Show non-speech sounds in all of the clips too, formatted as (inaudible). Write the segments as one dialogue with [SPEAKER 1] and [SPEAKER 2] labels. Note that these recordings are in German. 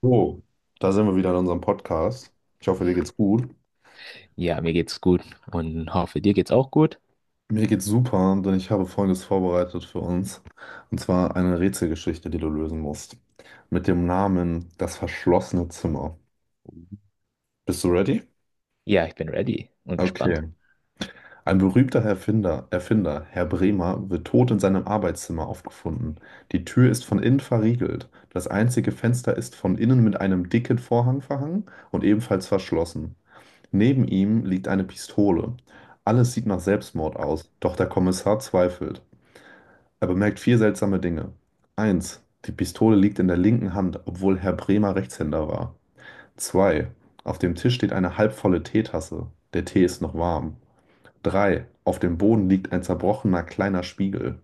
[SPEAKER 1] So, da sind wir wieder in unserem Podcast. Ich hoffe, dir geht's gut.
[SPEAKER 2] Ja, mir geht's gut und hoffe, dir geht's auch gut.
[SPEAKER 1] Mir geht's super, denn ich habe Folgendes vorbereitet für uns. Und zwar eine Rätselgeschichte, die du lösen musst. Mit dem Namen Das verschlossene Zimmer. Bist du ready?
[SPEAKER 2] Ja, ich bin ready und
[SPEAKER 1] Okay.
[SPEAKER 2] gespannt.
[SPEAKER 1] Ein berühmter Erfinder, Herr Bremer, wird tot in seinem Arbeitszimmer aufgefunden. Die Tür ist von innen verriegelt. Das einzige Fenster ist von innen mit einem dicken Vorhang verhangen und ebenfalls verschlossen. Neben ihm liegt eine Pistole. Alles sieht nach Selbstmord aus, doch der Kommissar zweifelt. Er bemerkt vier seltsame Dinge. Eins, die Pistole liegt in der linken Hand, obwohl Herr Bremer Rechtshänder war. 2, auf dem Tisch steht eine halbvolle Teetasse. Der Tee ist noch warm. 3, auf dem Boden liegt ein zerbrochener kleiner Spiegel.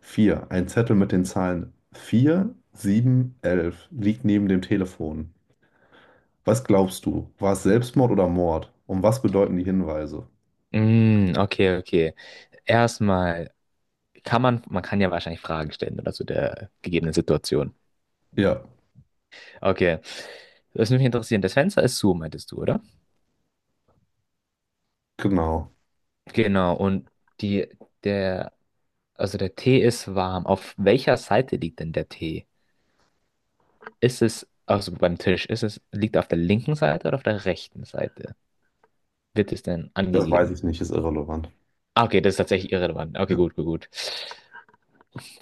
[SPEAKER 1] 4, ein Zettel mit den Zahlen 4, 7, 11 liegt neben dem Telefon. Was glaubst du? War es Selbstmord oder Mord? Und was bedeuten die Hinweise?
[SPEAKER 2] Mm, okay, okay. Erstmal man kann ja wahrscheinlich Fragen stellen oder zu der gegebenen Situation.
[SPEAKER 1] Ja.
[SPEAKER 2] Okay, das würde mich interessieren. Das Fenster ist zu, meintest du, oder?
[SPEAKER 1] Genau,
[SPEAKER 2] Genau, und die, der, also der Tee ist warm. Auf welcher Seite liegt denn der Tee? Also beim Tisch, ist es, liegt er auf der linken Seite oder auf der rechten Seite? Wird es denn
[SPEAKER 1] das weiß
[SPEAKER 2] angegeben?
[SPEAKER 1] ich nicht, ist irrelevant.
[SPEAKER 2] Ah, okay, das ist tatsächlich irrelevant. Okay,
[SPEAKER 1] Ja.
[SPEAKER 2] gut, gut, gut.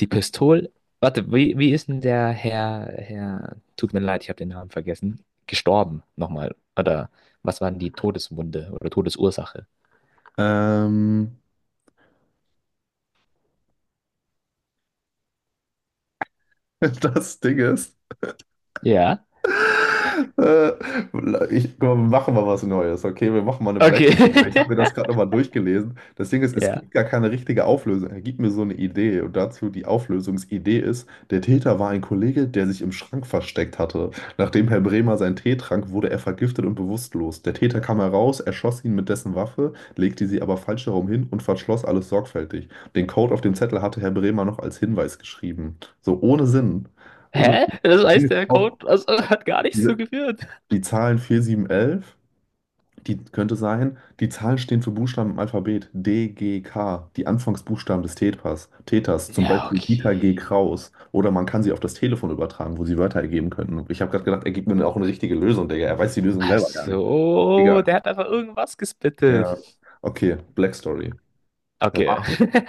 [SPEAKER 2] Die Pistole. Warte, wie ist denn der Herr, tut mir leid, ich habe den Namen vergessen, gestorben nochmal? Oder was waren die Todeswunde oder Todesursache?
[SPEAKER 1] Ähm, (laughs) das Ding ist.
[SPEAKER 2] Ja.
[SPEAKER 1] Äh, Ich, guck mal, wir machen mal was Neues, okay? Wir machen mal eine Black Box, weil ich
[SPEAKER 2] Okay.
[SPEAKER 1] habe mir das
[SPEAKER 2] (laughs)
[SPEAKER 1] gerade nochmal durchgelesen. Das Ding ist, es
[SPEAKER 2] Ja.
[SPEAKER 1] gibt gar keine richtige Auflösung. Er gibt mir so eine Idee, und dazu die Auflösungsidee ist, der Täter war ein Kollege, der sich im Schrank versteckt hatte. Nachdem Herr Bremer seinen Tee trank, wurde er vergiftet und bewusstlos. Der Täter kam heraus, erschoss ihn mit dessen Waffe, legte sie aber falsch herum hin und verschloss alles sorgfältig. Den Code auf dem Zettel hatte Herr Bremer noch als Hinweis geschrieben. So, ohne Sinn. Ohne
[SPEAKER 2] Hä?
[SPEAKER 1] Sinn.
[SPEAKER 2] Das
[SPEAKER 1] Das Ding
[SPEAKER 2] heißt,
[SPEAKER 1] ist
[SPEAKER 2] der
[SPEAKER 1] auch,
[SPEAKER 2] Code also, hat gar nichts
[SPEAKER 1] diese,
[SPEAKER 2] zugeführt.
[SPEAKER 1] die Zahlen 4 7 11, die könnte sein, die Zahlen stehen für Buchstaben im Alphabet. D, G, K, die Anfangsbuchstaben des Täters, zum
[SPEAKER 2] Ja,
[SPEAKER 1] Beispiel Dieter G.
[SPEAKER 2] okay.
[SPEAKER 1] Kraus. Oder man kann sie auf das Telefon übertragen, wo sie Wörter ergeben könnten. Ich habe gerade gedacht, er gibt mir auch eine richtige Lösung, Digga. Er weiß die Lösung
[SPEAKER 2] Ach
[SPEAKER 1] selber gar nicht.
[SPEAKER 2] so,
[SPEAKER 1] Egal.
[SPEAKER 2] der hat einfach irgendwas gespittet.
[SPEAKER 1] Ja. Okay, Black Story.
[SPEAKER 2] Okay. (laughs)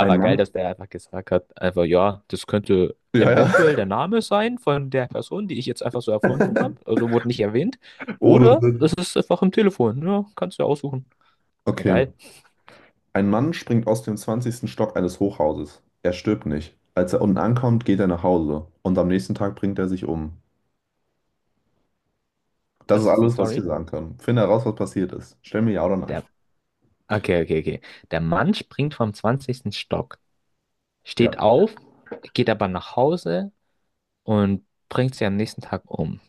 [SPEAKER 1] Ein
[SPEAKER 2] geil,
[SPEAKER 1] Mann?
[SPEAKER 2] dass der einfach gesagt hat, einfach, ja, das könnte
[SPEAKER 1] Ja, ja.
[SPEAKER 2] eventuell der Name sein von der Person, die ich jetzt einfach so erfunden habe.
[SPEAKER 1] (laughs)
[SPEAKER 2] Also wurde nicht erwähnt.
[SPEAKER 1] Ohne
[SPEAKER 2] Oder es
[SPEAKER 1] Sinn.
[SPEAKER 2] ist einfach im Telefon. Ja, kannst du ja aussuchen. Ja,
[SPEAKER 1] Okay.
[SPEAKER 2] geil.
[SPEAKER 1] Ein Mann springt aus dem 20. Stock eines Hochhauses. Er stirbt nicht. Als er unten ankommt, geht er nach Hause. Und am nächsten Tag bringt er sich um. Das ist
[SPEAKER 2] Das ist die
[SPEAKER 1] alles, was ich dir
[SPEAKER 2] Story.
[SPEAKER 1] sagen kann. Finde heraus, was passiert ist. Stell mir ja oder nein.
[SPEAKER 2] Der, okay, okay, okay. Der Mann springt vom zwanzigsten Stock,
[SPEAKER 1] Ja,
[SPEAKER 2] steht auf, geht aber nach Hause und bringt sie am nächsten Tag um.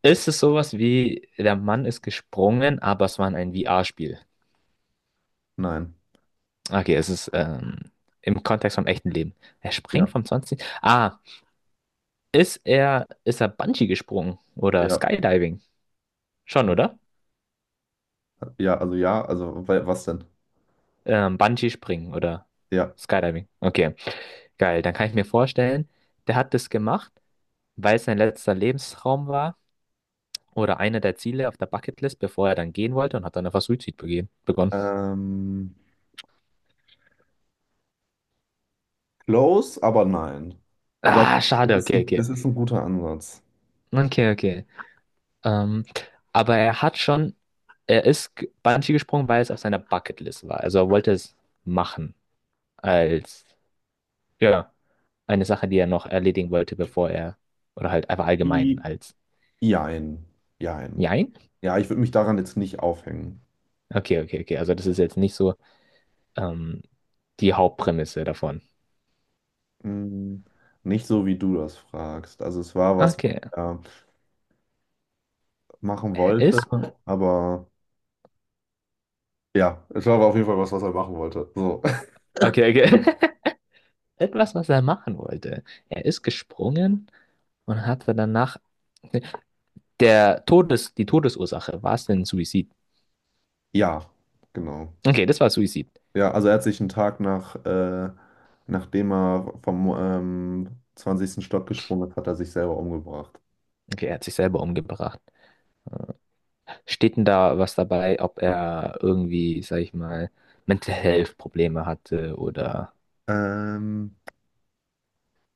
[SPEAKER 2] Ist es sowas wie, der Mann ist gesprungen, aber es war ein VR-Spiel?
[SPEAKER 1] nein.
[SPEAKER 2] Okay, es ist im Kontext vom echten Leben. Er springt
[SPEAKER 1] Ja,
[SPEAKER 2] vom 20. Ah, ist er Bungee gesprungen oder
[SPEAKER 1] ja.
[SPEAKER 2] Skydiving? Schon,
[SPEAKER 1] Nein.
[SPEAKER 2] oder?
[SPEAKER 1] Ja, also was denn?
[SPEAKER 2] Bungee springen oder
[SPEAKER 1] Ja.
[SPEAKER 2] Skydiving. Okay, geil. Dann kann ich mir vorstellen, der hat das gemacht, weil es sein letzter Lebensraum war oder einer der Ziele auf der Bucketlist, bevor er dann gehen wollte und hat dann einfach begonnen.
[SPEAKER 1] Ähm, Close, aber nein. Aber
[SPEAKER 2] Ah, schade. Okay,
[SPEAKER 1] es
[SPEAKER 2] okay.
[SPEAKER 1] ist ein guter Ansatz.
[SPEAKER 2] Okay, okay. Ähm, aber er hat schon, er ist Bungee gesprungen, weil es auf seiner Bucketlist war. Also er wollte es machen als, ja, eine Sache, die er noch erledigen wollte, bevor er, oder halt einfach allgemein
[SPEAKER 1] I-
[SPEAKER 2] als,
[SPEAKER 1] Jein. Jein.
[SPEAKER 2] nein?
[SPEAKER 1] Ja, ich würde mich daran jetzt nicht aufhängen.
[SPEAKER 2] Okay, okay, okay. Also das ist jetzt nicht so ähm, die Hauptprämisse davon.
[SPEAKER 1] Mm, Nicht so, wie du das fragst. Also es war was, was
[SPEAKER 2] Okay,
[SPEAKER 1] er machen
[SPEAKER 2] er ist,
[SPEAKER 1] wollte, aber ja, es war aber auf jeden Fall was, was er machen wollte. So. (laughs)
[SPEAKER 2] okay, okay. (laughs) Etwas, was er machen wollte. Er ist gesprungen und hatte danach die Todesursache, war es denn Suizid?
[SPEAKER 1] Ja, genau.
[SPEAKER 2] Okay, das war Suizid.
[SPEAKER 1] Ja, also er hat sich einen Tag nachdem er vom 20. Stock gesprungen ist, hat er sich selber umgebracht.
[SPEAKER 2] Okay, er hat sich selber umgebracht. Steht denn da was dabei, ob er irgendwie, sag ich mal, Mental Health Probleme hatte oder.
[SPEAKER 1] Ähm,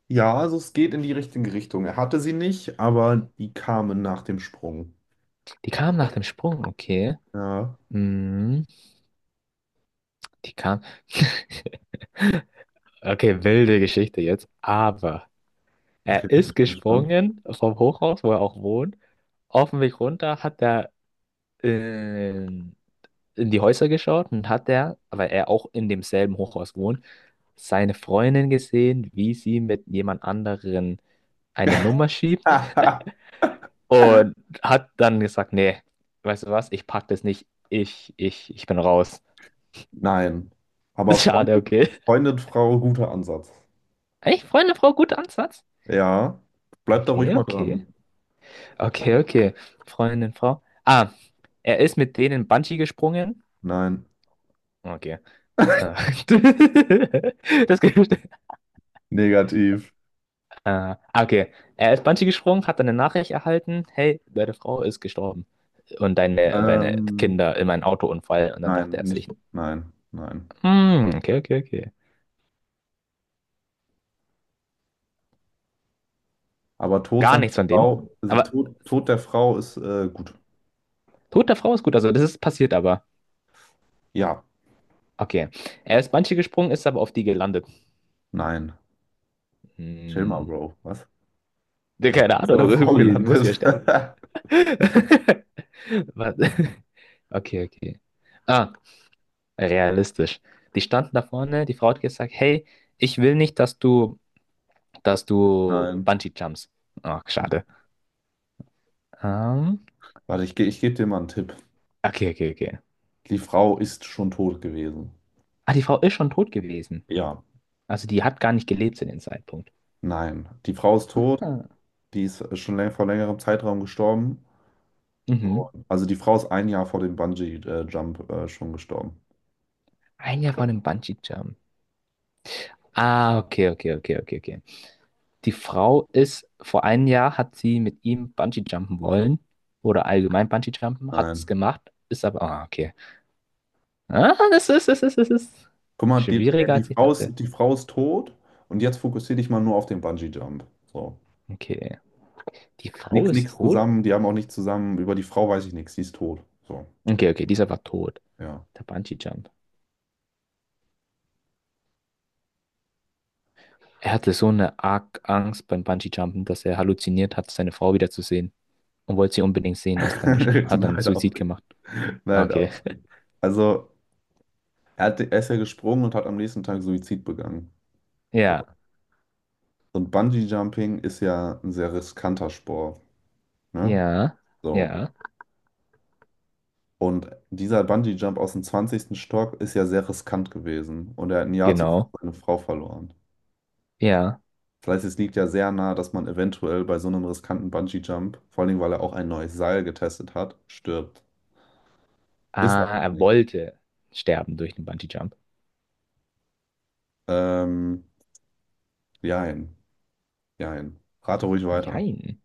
[SPEAKER 1] ja, also es geht in die richtige Richtung. Er hatte sie nicht, aber die kamen nach dem Sprung.
[SPEAKER 2] Die kam nach dem Sprung, okay.
[SPEAKER 1] Ja,
[SPEAKER 2] Mhm, die kam. (laughs) Okay, wilde Geschichte jetzt. Aber
[SPEAKER 1] okay,
[SPEAKER 2] er ist
[SPEAKER 1] ich bin gespannt.
[SPEAKER 2] gesprungen vom Hochhaus, wo er auch wohnt. Auf dem Weg runter hat er in, in die Häuser geschaut und hat er, weil er auch in demselben Hochhaus wohnt, seine Freundin gesehen, wie sie mit jemand anderen eine Nummer schiebt.
[SPEAKER 1] (laughs)
[SPEAKER 2] Und hat dann gesagt, nee, weißt du was, ich pack das nicht. Ich bin raus.
[SPEAKER 1] Nein.
[SPEAKER 2] (laughs)
[SPEAKER 1] Aber
[SPEAKER 2] Schade,
[SPEAKER 1] Freundin,
[SPEAKER 2] okay.
[SPEAKER 1] Freundin, Frau, guter Ansatz.
[SPEAKER 2] Echt, Freundin, Frau, guter Ansatz.
[SPEAKER 1] Ja. Bleib da ruhig
[SPEAKER 2] Okay,
[SPEAKER 1] mal
[SPEAKER 2] okay.
[SPEAKER 1] dran.
[SPEAKER 2] Okay, okay. Freundin, Frau. Ah, er ist mit denen Bungee gesprungen.
[SPEAKER 1] Nein.
[SPEAKER 2] Okay. Ah. (laughs) Das gibt.
[SPEAKER 1] Negativ.
[SPEAKER 2] Ah, ah, okay. Er ist Bungee gesprungen, hat dann eine Nachricht erhalten. Hey, deine Frau ist gestorben. Und deine
[SPEAKER 1] Ähm,
[SPEAKER 2] Kinder in einem Autounfall. Und dann dachte
[SPEAKER 1] nein,
[SPEAKER 2] er sich,
[SPEAKER 1] nicht. Nein, nein.
[SPEAKER 2] hm, okay, okay, okay.
[SPEAKER 1] Aber Tod
[SPEAKER 2] Gar
[SPEAKER 1] seiner
[SPEAKER 2] nichts von denen.
[SPEAKER 1] Frau, also
[SPEAKER 2] Aber
[SPEAKER 1] Tod der Frau ist gut.
[SPEAKER 2] tote Frau ist gut, also das ist passiert aber.
[SPEAKER 1] Ja.
[SPEAKER 2] Okay. Er ist Bungee gesprungen, ist aber auf die gelandet.
[SPEAKER 1] Nein. Chill mal,
[SPEAKER 2] Hm.
[SPEAKER 1] Bro. Was?
[SPEAKER 2] Ja,
[SPEAKER 1] Er ist
[SPEAKER 2] keine
[SPEAKER 1] auf seiner
[SPEAKER 2] Ahnung,
[SPEAKER 1] Frau
[SPEAKER 2] irgendwie muss sie ja
[SPEAKER 1] gelandet.
[SPEAKER 2] sterben.
[SPEAKER 1] (laughs)
[SPEAKER 2] (laughs) Was? Okay, okay. Ah, realistisch. Die standen da vorne, die Frau hat gesagt, hey, ich will nicht, dass du
[SPEAKER 1] Nein.
[SPEAKER 2] Bungee jumps. Ach, schade. Ähm,
[SPEAKER 1] Warte, ich gebe dir mal einen Tipp.
[SPEAKER 2] okay, okay, okay.
[SPEAKER 1] Die Frau ist schon tot gewesen.
[SPEAKER 2] Ah, die Frau ist schon tot gewesen.
[SPEAKER 1] Ja.
[SPEAKER 2] Also die hat gar nicht gelebt zu dem Zeitpunkt.
[SPEAKER 1] Nein. Die Frau ist tot.
[SPEAKER 2] Ah,
[SPEAKER 1] Die ist schon läng vor längerem Zeitraum gestorben.
[SPEAKER 2] mhm.
[SPEAKER 1] Also die Frau ist ein Jahr vor dem Bungee-Jump schon gestorben.
[SPEAKER 2] Ein Jahr vor dem Bungee Jump. Ah, okay, okay, okay, okay, okay. Die Frau ist, vor einem Jahr hat sie mit ihm Bungee-Jumpen wollen oder allgemein Bungee-Jumpen, hat es
[SPEAKER 1] Nein.
[SPEAKER 2] gemacht, ist aber, ah, okay. Ah, das ist
[SPEAKER 1] Guck mal,
[SPEAKER 2] schwieriger, als ich dachte.
[SPEAKER 1] Die Frau ist tot, und jetzt fokussiere dich mal nur auf den Bungee-Jump. So.
[SPEAKER 2] Okay. Die Frau
[SPEAKER 1] Nix,
[SPEAKER 2] ist
[SPEAKER 1] nix
[SPEAKER 2] tot?
[SPEAKER 1] zusammen, die haben auch nicht zusammen, über die Frau weiß ich nichts, die ist tot. So,
[SPEAKER 2] Okay, okay, dieser war tot.
[SPEAKER 1] ja.
[SPEAKER 2] Der Bungee-Jump. Er hatte so eine arg Angst beim Bungee-Jumpen, dass er halluziniert hat, seine Frau wiederzusehen und wollte sie unbedingt sehen,
[SPEAKER 1] (laughs)
[SPEAKER 2] hat dann
[SPEAKER 1] Nein, auch
[SPEAKER 2] Suizid
[SPEAKER 1] nicht.
[SPEAKER 2] gemacht. Ah,
[SPEAKER 1] Nein,
[SPEAKER 2] okay.
[SPEAKER 1] auch
[SPEAKER 2] (laughs)
[SPEAKER 1] nicht. Also, er ist ja gesprungen und hat am nächsten Tag Suizid begangen. So.
[SPEAKER 2] Ja,
[SPEAKER 1] Und Bungee-Jumping ist ja ein sehr riskanter Sport, ne?
[SPEAKER 2] ja,
[SPEAKER 1] So.
[SPEAKER 2] ja,
[SPEAKER 1] Und dieser Bungee-Jump aus dem zwanzigsten Stock ist ja sehr riskant gewesen, und er hat ein Jahr zuvor
[SPEAKER 2] genau.
[SPEAKER 1] seine Frau verloren.
[SPEAKER 2] Ja.
[SPEAKER 1] Das heißt, es liegt ja sehr nahe, dass man eventuell bei so einem riskanten Bungee-Jump, vor allem weil er auch ein neues Seil getestet hat, stirbt. Ist er
[SPEAKER 2] Ah,
[SPEAKER 1] aber
[SPEAKER 2] er
[SPEAKER 1] nicht.
[SPEAKER 2] wollte sterben durch den Bungee-Jump.
[SPEAKER 1] Ähm, Jein, jein. Rate ruhig weiter.
[SPEAKER 2] Jein.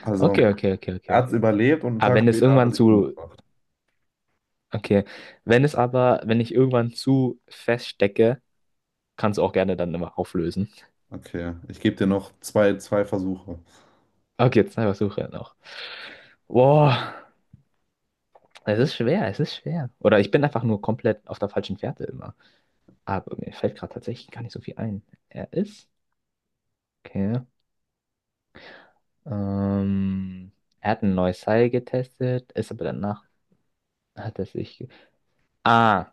[SPEAKER 1] Also,
[SPEAKER 2] Okay, okay, okay,
[SPEAKER 1] er
[SPEAKER 2] okay.
[SPEAKER 1] hat es überlebt und einen
[SPEAKER 2] Aber
[SPEAKER 1] Tag
[SPEAKER 2] wenn es
[SPEAKER 1] später hat er
[SPEAKER 2] irgendwann
[SPEAKER 1] sich
[SPEAKER 2] zu.
[SPEAKER 1] umgebracht.
[SPEAKER 2] Okay. Wenn es aber, wenn ich irgendwann zu feststecke, kannst du auch gerne dann immer auflösen.
[SPEAKER 1] Okay, ich gebe dir noch zwei Versuche.
[SPEAKER 2] Okay, zwei Versuche noch. Boah, es ist schwer, es ist schwer. Oder ich bin einfach nur komplett auf der falschen Fährte immer. Aber mir fällt gerade tatsächlich gar nicht so viel ein. Er ist. Okay. Ähm, er hat ein neues Seil getestet, ist aber danach hat er sich. Ah.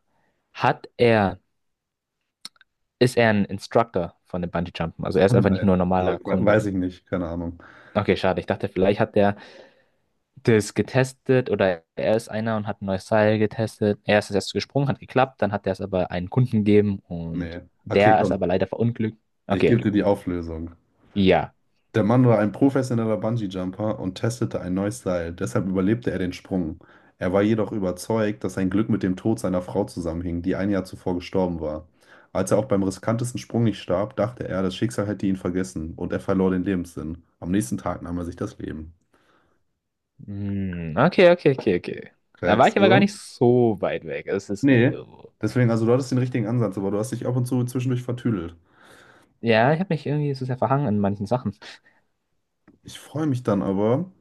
[SPEAKER 2] Hat er ist er ein Instructor von dem Bungee-Jumpen. Also er
[SPEAKER 1] (laughs)
[SPEAKER 2] ist
[SPEAKER 1] Nein,
[SPEAKER 2] einfach nicht nur ein
[SPEAKER 1] also,
[SPEAKER 2] normaler Kunde.
[SPEAKER 1] weiß ich nicht, keine Ahnung.
[SPEAKER 2] Okay, schade. Ich dachte, vielleicht hat der das getestet oder er ist einer und hat ein neues Seil getestet. Er ist erst gesprungen, hat geklappt, dann hat er es aber einen Kunden gegeben und
[SPEAKER 1] Nee. Okay,
[SPEAKER 2] der ist
[SPEAKER 1] komm,
[SPEAKER 2] aber leider verunglückt.
[SPEAKER 1] ich gebe
[SPEAKER 2] Okay,
[SPEAKER 1] dir die Auflösung.
[SPEAKER 2] ja.
[SPEAKER 1] Der Mann war ein professioneller Bungee-Jumper und testete ein neues Seil, deshalb überlebte er den Sprung. Er war jedoch überzeugt, dass sein Glück mit dem Tod seiner Frau zusammenhing, die ein Jahr zuvor gestorben war. Als er auch beim riskantesten Sprung nicht starb, dachte er, das Schicksal hätte ihn vergessen und er verlor den Lebenssinn. Am nächsten Tag nahm er sich das Leben.
[SPEAKER 2] Hm, okay, okay, okay, okay. Da war
[SPEAKER 1] Checkst
[SPEAKER 2] ich aber gar
[SPEAKER 1] du?
[SPEAKER 2] nicht so weit weg. Also es ist geht
[SPEAKER 1] Nee.
[SPEAKER 2] irgendwo.
[SPEAKER 1] Deswegen, also du hattest den richtigen Ansatz, aber du hast dich ab und zu zwischendurch vertüdelt.
[SPEAKER 2] Ja, ich habe mich irgendwie so sehr verhangen in manchen Sachen.
[SPEAKER 1] Ich freue mich dann aber,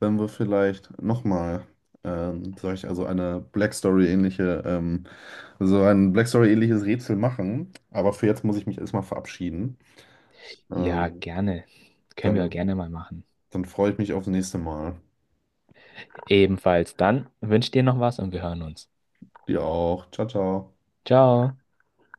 [SPEAKER 1] wenn wir vielleicht nochmal, sag ich, also so ein Black Story-ähnliches Rätsel machen. Aber für jetzt muss ich mich erstmal verabschieden.
[SPEAKER 2] Ja,
[SPEAKER 1] Ähm,
[SPEAKER 2] gerne. Können wir
[SPEAKER 1] dann,
[SPEAKER 2] gerne mal machen.
[SPEAKER 1] dann freue ich mich aufs nächste Mal.
[SPEAKER 2] Ebenfalls dann wünsche dir noch was und wir hören uns.
[SPEAKER 1] Dir auch. Ciao, ciao.
[SPEAKER 2] Ciao.